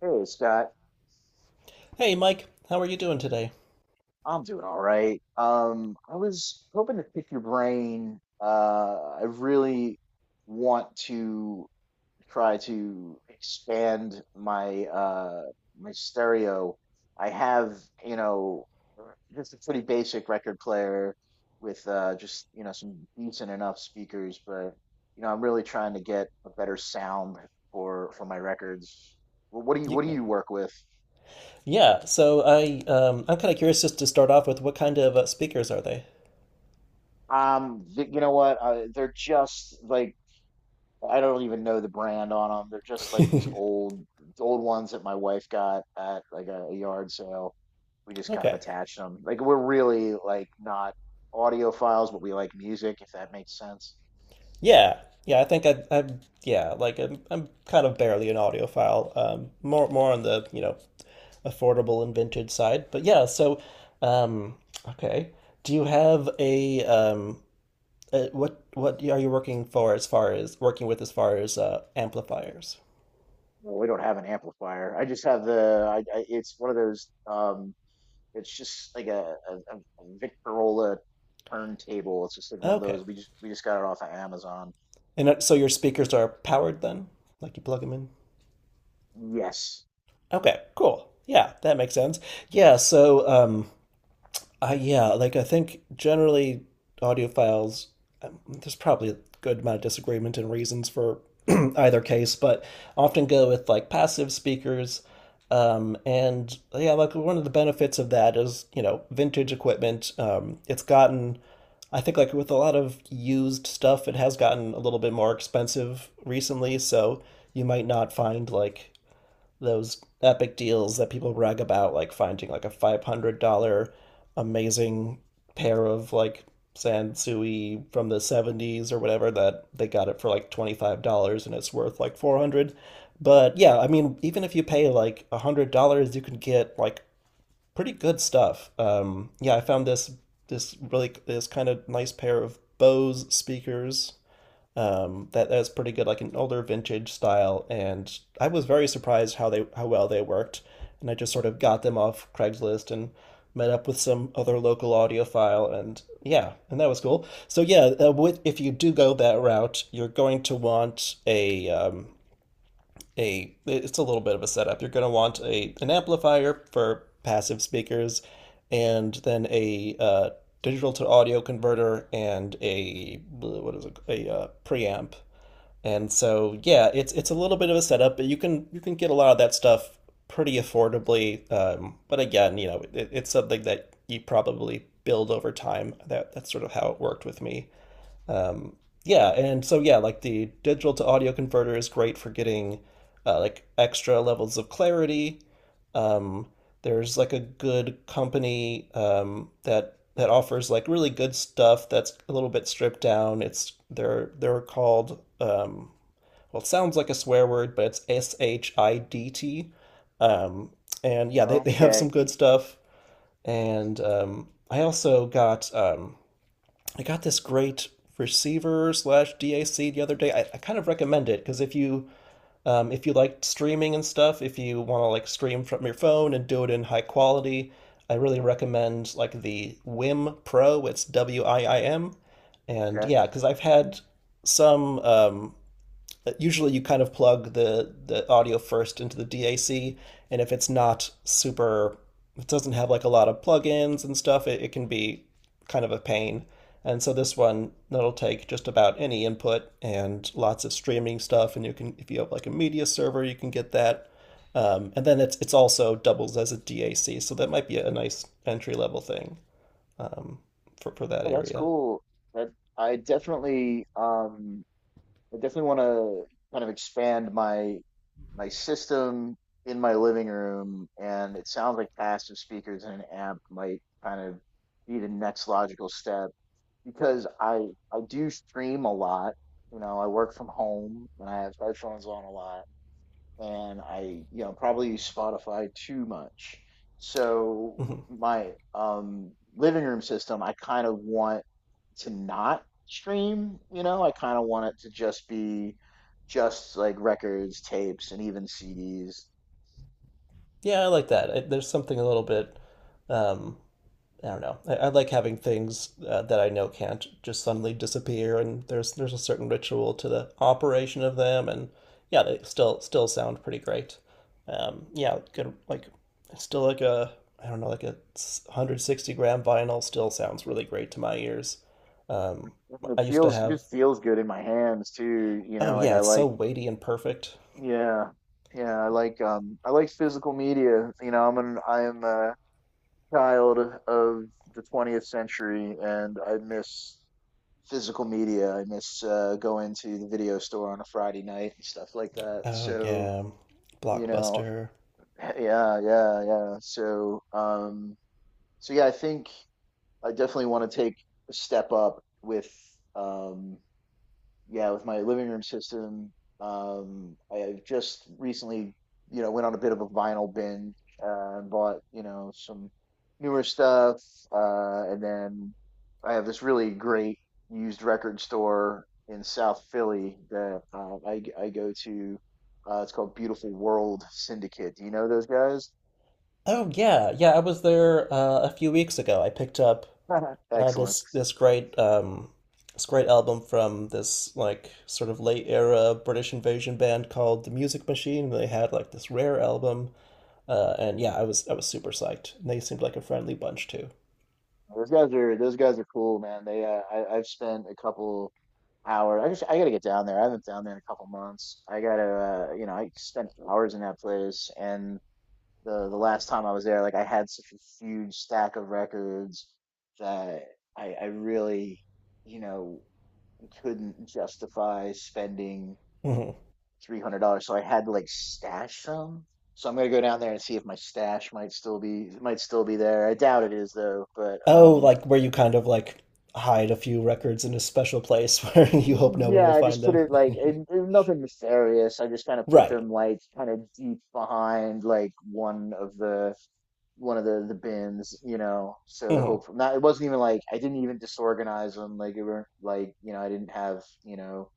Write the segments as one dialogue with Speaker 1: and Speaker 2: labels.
Speaker 1: Hey, Scott.
Speaker 2: Hey, Mike, how are you doing today?
Speaker 1: I'm doing all right. I was hoping to pick your brain. I really want to try to expand my my stereo. I have, you know, just a pretty basic record player with just, you know, some decent enough speakers, but you know, I'm really trying to get a better sound for my records. What do you
Speaker 2: Yeah.
Speaker 1: work with?
Speaker 2: So I'm kind of curious just to start off with what kind of speakers are they?
Speaker 1: You know what? They're just like I don't even know the brand on them. They're just like these old ones that my wife got at like a yard sale. We just kind of
Speaker 2: Okay.
Speaker 1: attached them. Like we're really like not audiophiles, but we like music, if that makes sense.
Speaker 2: Yeah. Yeah, I think I I'm yeah, like I'm kind of barely an audiophile. More on the, you know, affordable and vintage side. But yeah, so um okay. Do you have a what are you working with as far as amplifiers?
Speaker 1: Well, we don't have an amplifier. I just have the. It's one of those. It's just like a Victorola turntable. It's just like one of
Speaker 2: Okay.
Speaker 1: those. We just got it off of Amazon.
Speaker 2: And so your speakers are powered then? Like you plug them in?
Speaker 1: Yes.
Speaker 2: Okay, cool. Yeah, that makes sense. Yeah, so um, yeah, like I think generally audiophiles, there's probably a good amount of disagreement and reasons for either case, but often go with like passive speakers. And yeah, like one of the benefits of that is, you know, vintage equipment. It's gotten, I think, like with a lot of used stuff, it has gotten a little bit more expensive recently. So you might not find like those epic deals that people brag about, like finding like a $500 amazing pair of like Sansui from the 70s or whatever that they got it for like $25 and it's worth like 400 dollars. But yeah, I mean, even if you pay like $100, you can get like pretty good stuff. I found this kind of nice pair of Bose speakers that that's pretty good, like an older vintage style, and I was very surprised how well they worked, and I just sort of got them off Craigslist and met up with some other local audiophile, and yeah, and that was cool. So yeah, if you do go that route, you're going to want a it's a little bit of a setup. You're going to want a an amplifier for passive speakers, and then a digital to audio converter and a preamp, and so, yeah, it's a little bit of a setup, but you can get a lot of that stuff pretty affordably. But again, you know, it's something that you probably build over time. That's sort of how it worked with me. Um, yeah, and so yeah, like the digital to audio converter is great for getting like extra levels of clarity. Um, there's like a good company that offers like really good stuff that's a little bit stripped down. It's — they're called well, it sounds like a swear word, but it's Schiit. Um, and yeah, they have some
Speaker 1: Okay.
Speaker 2: good stuff. And I also got I got this great receiver slash DAC the other day. I kind of recommend it because if you like streaming and stuff, if you want to like stream from your phone and do it in high quality, I really recommend like the Wim Pro. It's WIIM, and
Speaker 1: Okay.
Speaker 2: yeah, because I've had some, usually you kind of plug the audio first into the DAC, and if it's not super — it doesn't have like a lot of plugins and stuff, it can be kind of a pain. And so this one — that'll take just about any input and lots of streaming stuff, and you can, if you have like a media server, you can get that. And then it's also doubles as a DAC, so that might be a nice entry level thing um, for that
Speaker 1: No, that's
Speaker 2: area.
Speaker 1: cool. That I definitely um I definitely want to kind of expand my system in my living room, and it sounds like passive speakers and an amp might kind of be the next logical step because I do stream a lot. You know, I work from home and I have headphones on a lot. And I, you know, probably use Spotify too much. So
Speaker 2: hmm
Speaker 1: my living room system, I kind of want to not stream, you know, I kind of want it to just be just like records, tapes, and even CDs.
Speaker 2: Yeah, I like that. There's something a little bit, um, I don't know. I like having things that I know can't just suddenly disappear, and there's a certain ritual to the operation of them, and yeah, they still sound pretty great. Yeah, good. Like still like a I don't know like a 160 gram vinyl still sounds really great to my ears. Um,
Speaker 1: And It
Speaker 2: I used to
Speaker 1: feels
Speaker 2: have
Speaker 1: just feels good in my hands too, you
Speaker 2: Oh
Speaker 1: know, like
Speaker 2: yeah,
Speaker 1: I
Speaker 2: it's so
Speaker 1: like.
Speaker 2: weighty and perfect.
Speaker 1: Yeah. Yeah, I like physical media. You know, I am a child of the 20th century and I miss physical media. I miss going to the video store on a Friday night and stuff like that.
Speaker 2: Oh
Speaker 1: So,
Speaker 2: yeah,
Speaker 1: you know,
Speaker 2: Blockbuster.
Speaker 1: yeah, yeah, yeah. So, so yeah, I think I definitely want to take a step up with um, yeah, with my living room system. I just recently, you know, went on a bit of a vinyl binge and bought, you know, some newer stuff. And then I have this really great used record store in South Philly that I go to. It's called Beautiful World Syndicate. Do you know those guys?
Speaker 2: Oh yeah, yeah. I was there a few weeks ago. I picked up Uh,
Speaker 1: Excellent.
Speaker 2: this this great um this great album from this like sort of late era British invasion band called The Music Machine. They had like this rare album, and yeah, I was super psyched. And they seemed like a friendly bunch too.
Speaker 1: Those guys are cool, man. They I've spent a couple hours. I just, I gotta get down there. I haven't down there in a couple months. I gotta, you know, I spent hours in that place, and the last time I was there, like I had such a huge stack of records that I really, you know, couldn't justify spending
Speaker 2: hmm
Speaker 1: $300, so I had to like stash some. So I'm gonna go down there and see if my stash might still be there. I doubt it is though, but
Speaker 2: Oh, like where you kind of like hide a few records in a special place where you hope no one
Speaker 1: yeah,
Speaker 2: will
Speaker 1: I just
Speaker 2: find
Speaker 1: put
Speaker 2: them.
Speaker 1: it like it, nothing nefarious. I just kind of put
Speaker 2: Right.
Speaker 1: them like kind of deep behind like one of the bins, you know. So the
Speaker 2: hmm
Speaker 1: hope not it wasn't even like I didn't even disorganize them. Like it weren't like you know I didn't have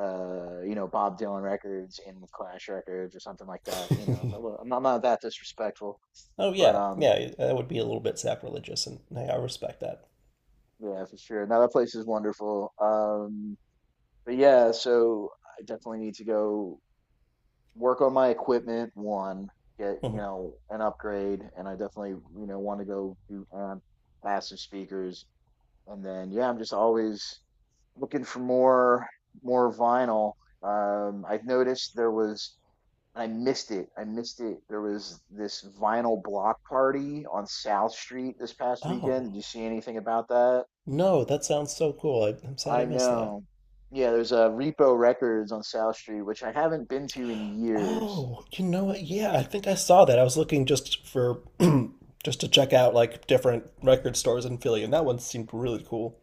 Speaker 1: you know Bob Dylan records in with Clash records or something like that. You know, so I'm not that disrespectful,
Speaker 2: Oh
Speaker 1: but
Speaker 2: yeah, yeah, that would be a little bit sacrilegious, and hey, I respect that.
Speaker 1: yeah, for sure. Now that place is wonderful. But yeah, so I definitely need to go work on my equipment, one, get, you
Speaker 2: Mhm.
Speaker 1: know, an upgrade, and I definitely, you know, want to go do amp, passive speakers. And then, yeah, I'm just always looking for more vinyl. I've noticed there was, I missed it. There was this vinyl block party on South Street this past weekend.
Speaker 2: Oh
Speaker 1: Did you see anything about that?
Speaker 2: no, that sounds so cool. I'm sad
Speaker 1: I
Speaker 2: I missed that.
Speaker 1: know. Yeah, there's a Repo Records on South Street, which I haven't been to in years.
Speaker 2: Oh, you know what? Yeah, I think I saw that. I was looking just for just to check out like different record stores in Philly, and that one seemed really cool.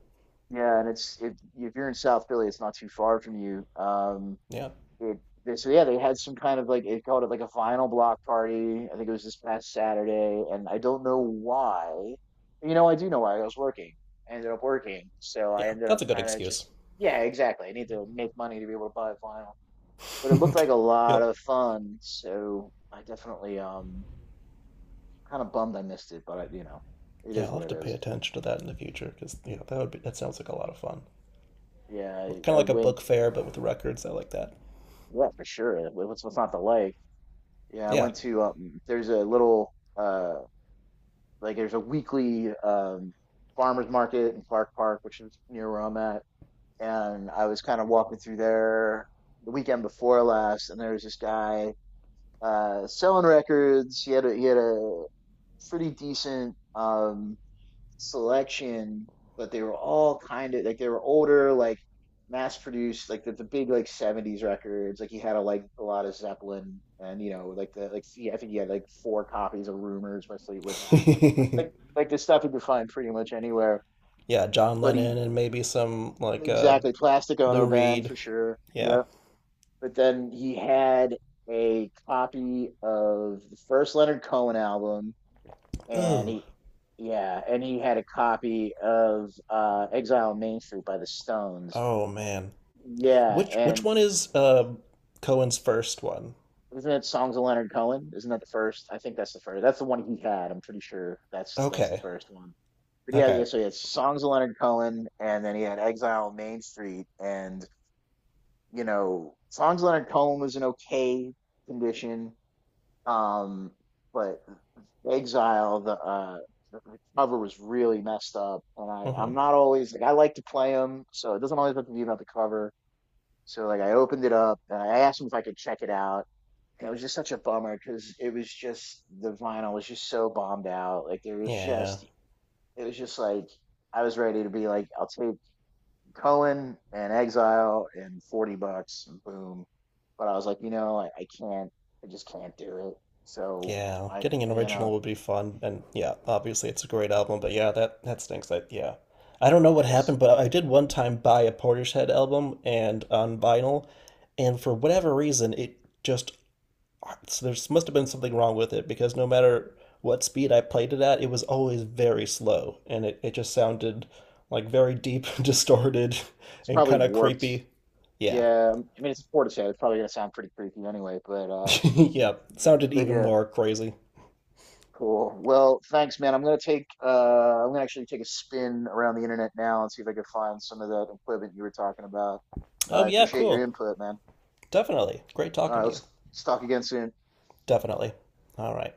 Speaker 1: Yeah, and it's it if you're in South Philly, it's not too far from you.
Speaker 2: Yeah,
Speaker 1: It They, so yeah, they had some kind of like they called it like a vinyl block party. I think it was this past Saturday, and I don't know why. You know, I do know why. I was working. I ended up working, so I
Speaker 2: yeah,
Speaker 1: ended up
Speaker 2: that's a good
Speaker 1: trying to
Speaker 2: excuse.
Speaker 1: just. Yeah, exactly. I need to make money to be able to buy vinyl, but it looked like a lot
Speaker 2: Yep.
Speaker 1: of fun. So I definitely kind of bummed I missed it, but I, you know, it
Speaker 2: Yeah,
Speaker 1: is
Speaker 2: I'll
Speaker 1: what
Speaker 2: have
Speaker 1: it
Speaker 2: to pay
Speaker 1: is.
Speaker 2: attention to that in the future because yeah, that would be that sounds like a lot of fun.
Speaker 1: Yeah,
Speaker 2: Kind of
Speaker 1: I
Speaker 2: like a
Speaker 1: went.
Speaker 2: book fair, but with records. I like that.
Speaker 1: Yeah, for sure. What's not to like? Yeah, I
Speaker 2: Yeah.
Speaker 1: went to there's a little like there's a weekly farmers market in Clark Park, which is near where I'm at, and I was kind of walking through there the weekend before last, and there was this guy selling records. He had a pretty decent selection, but they were all kind of like they were older, like mass produced, like the big like 70s records. Like you had a like a lot of Zeppelin, and you know, like the like yeah, I think you had like four copies of Rumors by Fleetwood Mac, like like like the stuff you could find pretty much anywhere.
Speaker 2: Yeah, John
Speaker 1: But he
Speaker 2: Lennon and maybe some like
Speaker 1: exactly Plastic
Speaker 2: Lou
Speaker 1: Ono Band
Speaker 2: Reed.
Speaker 1: for sure.
Speaker 2: Yeah.
Speaker 1: Yeah, but then he had a copy of the first Leonard Cohen album, and
Speaker 2: Ooh.
Speaker 1: he yeah, and he had a copy of Exile on Main Street by the Stones,
Speaker 2: Oh man.
Speaker 1: yeah.
Speaker 2: Which
Speaker 1: And
Speaker 2: one is Cohen's first one?
Speaker 1: isn't it Songs of Leonard Cohen? Isn't that the first? I think that's the first. That's the one he had. I'm pretty sure that's the
Speaker 2: Okay.
Speaker 1: first one. But yeah, yeah,
Speaker 2: Okay.
Speaker 1: so he had Songs of Leonard Cohen, and then he had Exile on Main Street, and you know, Songs of Leonard Cohen was in okay condition. Um, but Exile, the cover was really messed up, and I'm
Speaker 2: hmm
Speaker 1: not always like I like to play them, so it doesn't always have to be about the cover. So like I opened it up and I asked him if I could check it out, and it was just such a bummer because it was just the vinyl was just so bombed out. Like
Speaker 2: Yeah.
Speaker 1: it was just like I was ready to be like I'll take Cohen and Exile and 40 bucks and boom. But I was like, you know, I can't, I just can't do it. So
Speaker 2: Yeah. Getting an
Speaker 1: you
Speaker 2: original
Speaker 1: know,
Speaker 2: would be fun, and yeah, obviously it's a great album, but yeah, that that stinks. That yeah. I don't know what
Speaker 1: yeah,
Speaker 2: happened, but I did one time buy a Portishead album and on vinyl, and for whatever reason it just so there must have been something wrong with it because no matter what speed I played it at, it was always very slow, and it just sounded like very deep, distorted,
Speaker 1: it's
Speaker 2: and
Speaker 1: probably
Speaker 2: kind of
Speaker 1: warped.
Speaker 2: creepy. Yeah,
Speaker 1: Yeah. I mean, it's a Portishead. It's probably going to sound pretty creepy anyway,
Speaker 2: yeah, sounded
Speaker 1: but
Speaker 2: even
Speaker 1: yeah,
Speaker 2: more crazy.
Speaker 1: cool. Well, thanks, man. I'm going to take, I'm going to actually take a spin around the internet now and see if I can find some of that equipment you were talking about.
Speaker 2: Oh,
Speaker 1: I
Speaker 2: yeah,
Speaker 1: appreciate your
Speaker 2: cool.
Speaker 1: input, man.
Speaker 2: Definitely. Great
Speaker 1: All right.
Speaker 2: talking to you.
Speaker 1: Let's talk again soon.
Speaker 2: Definitely. All right.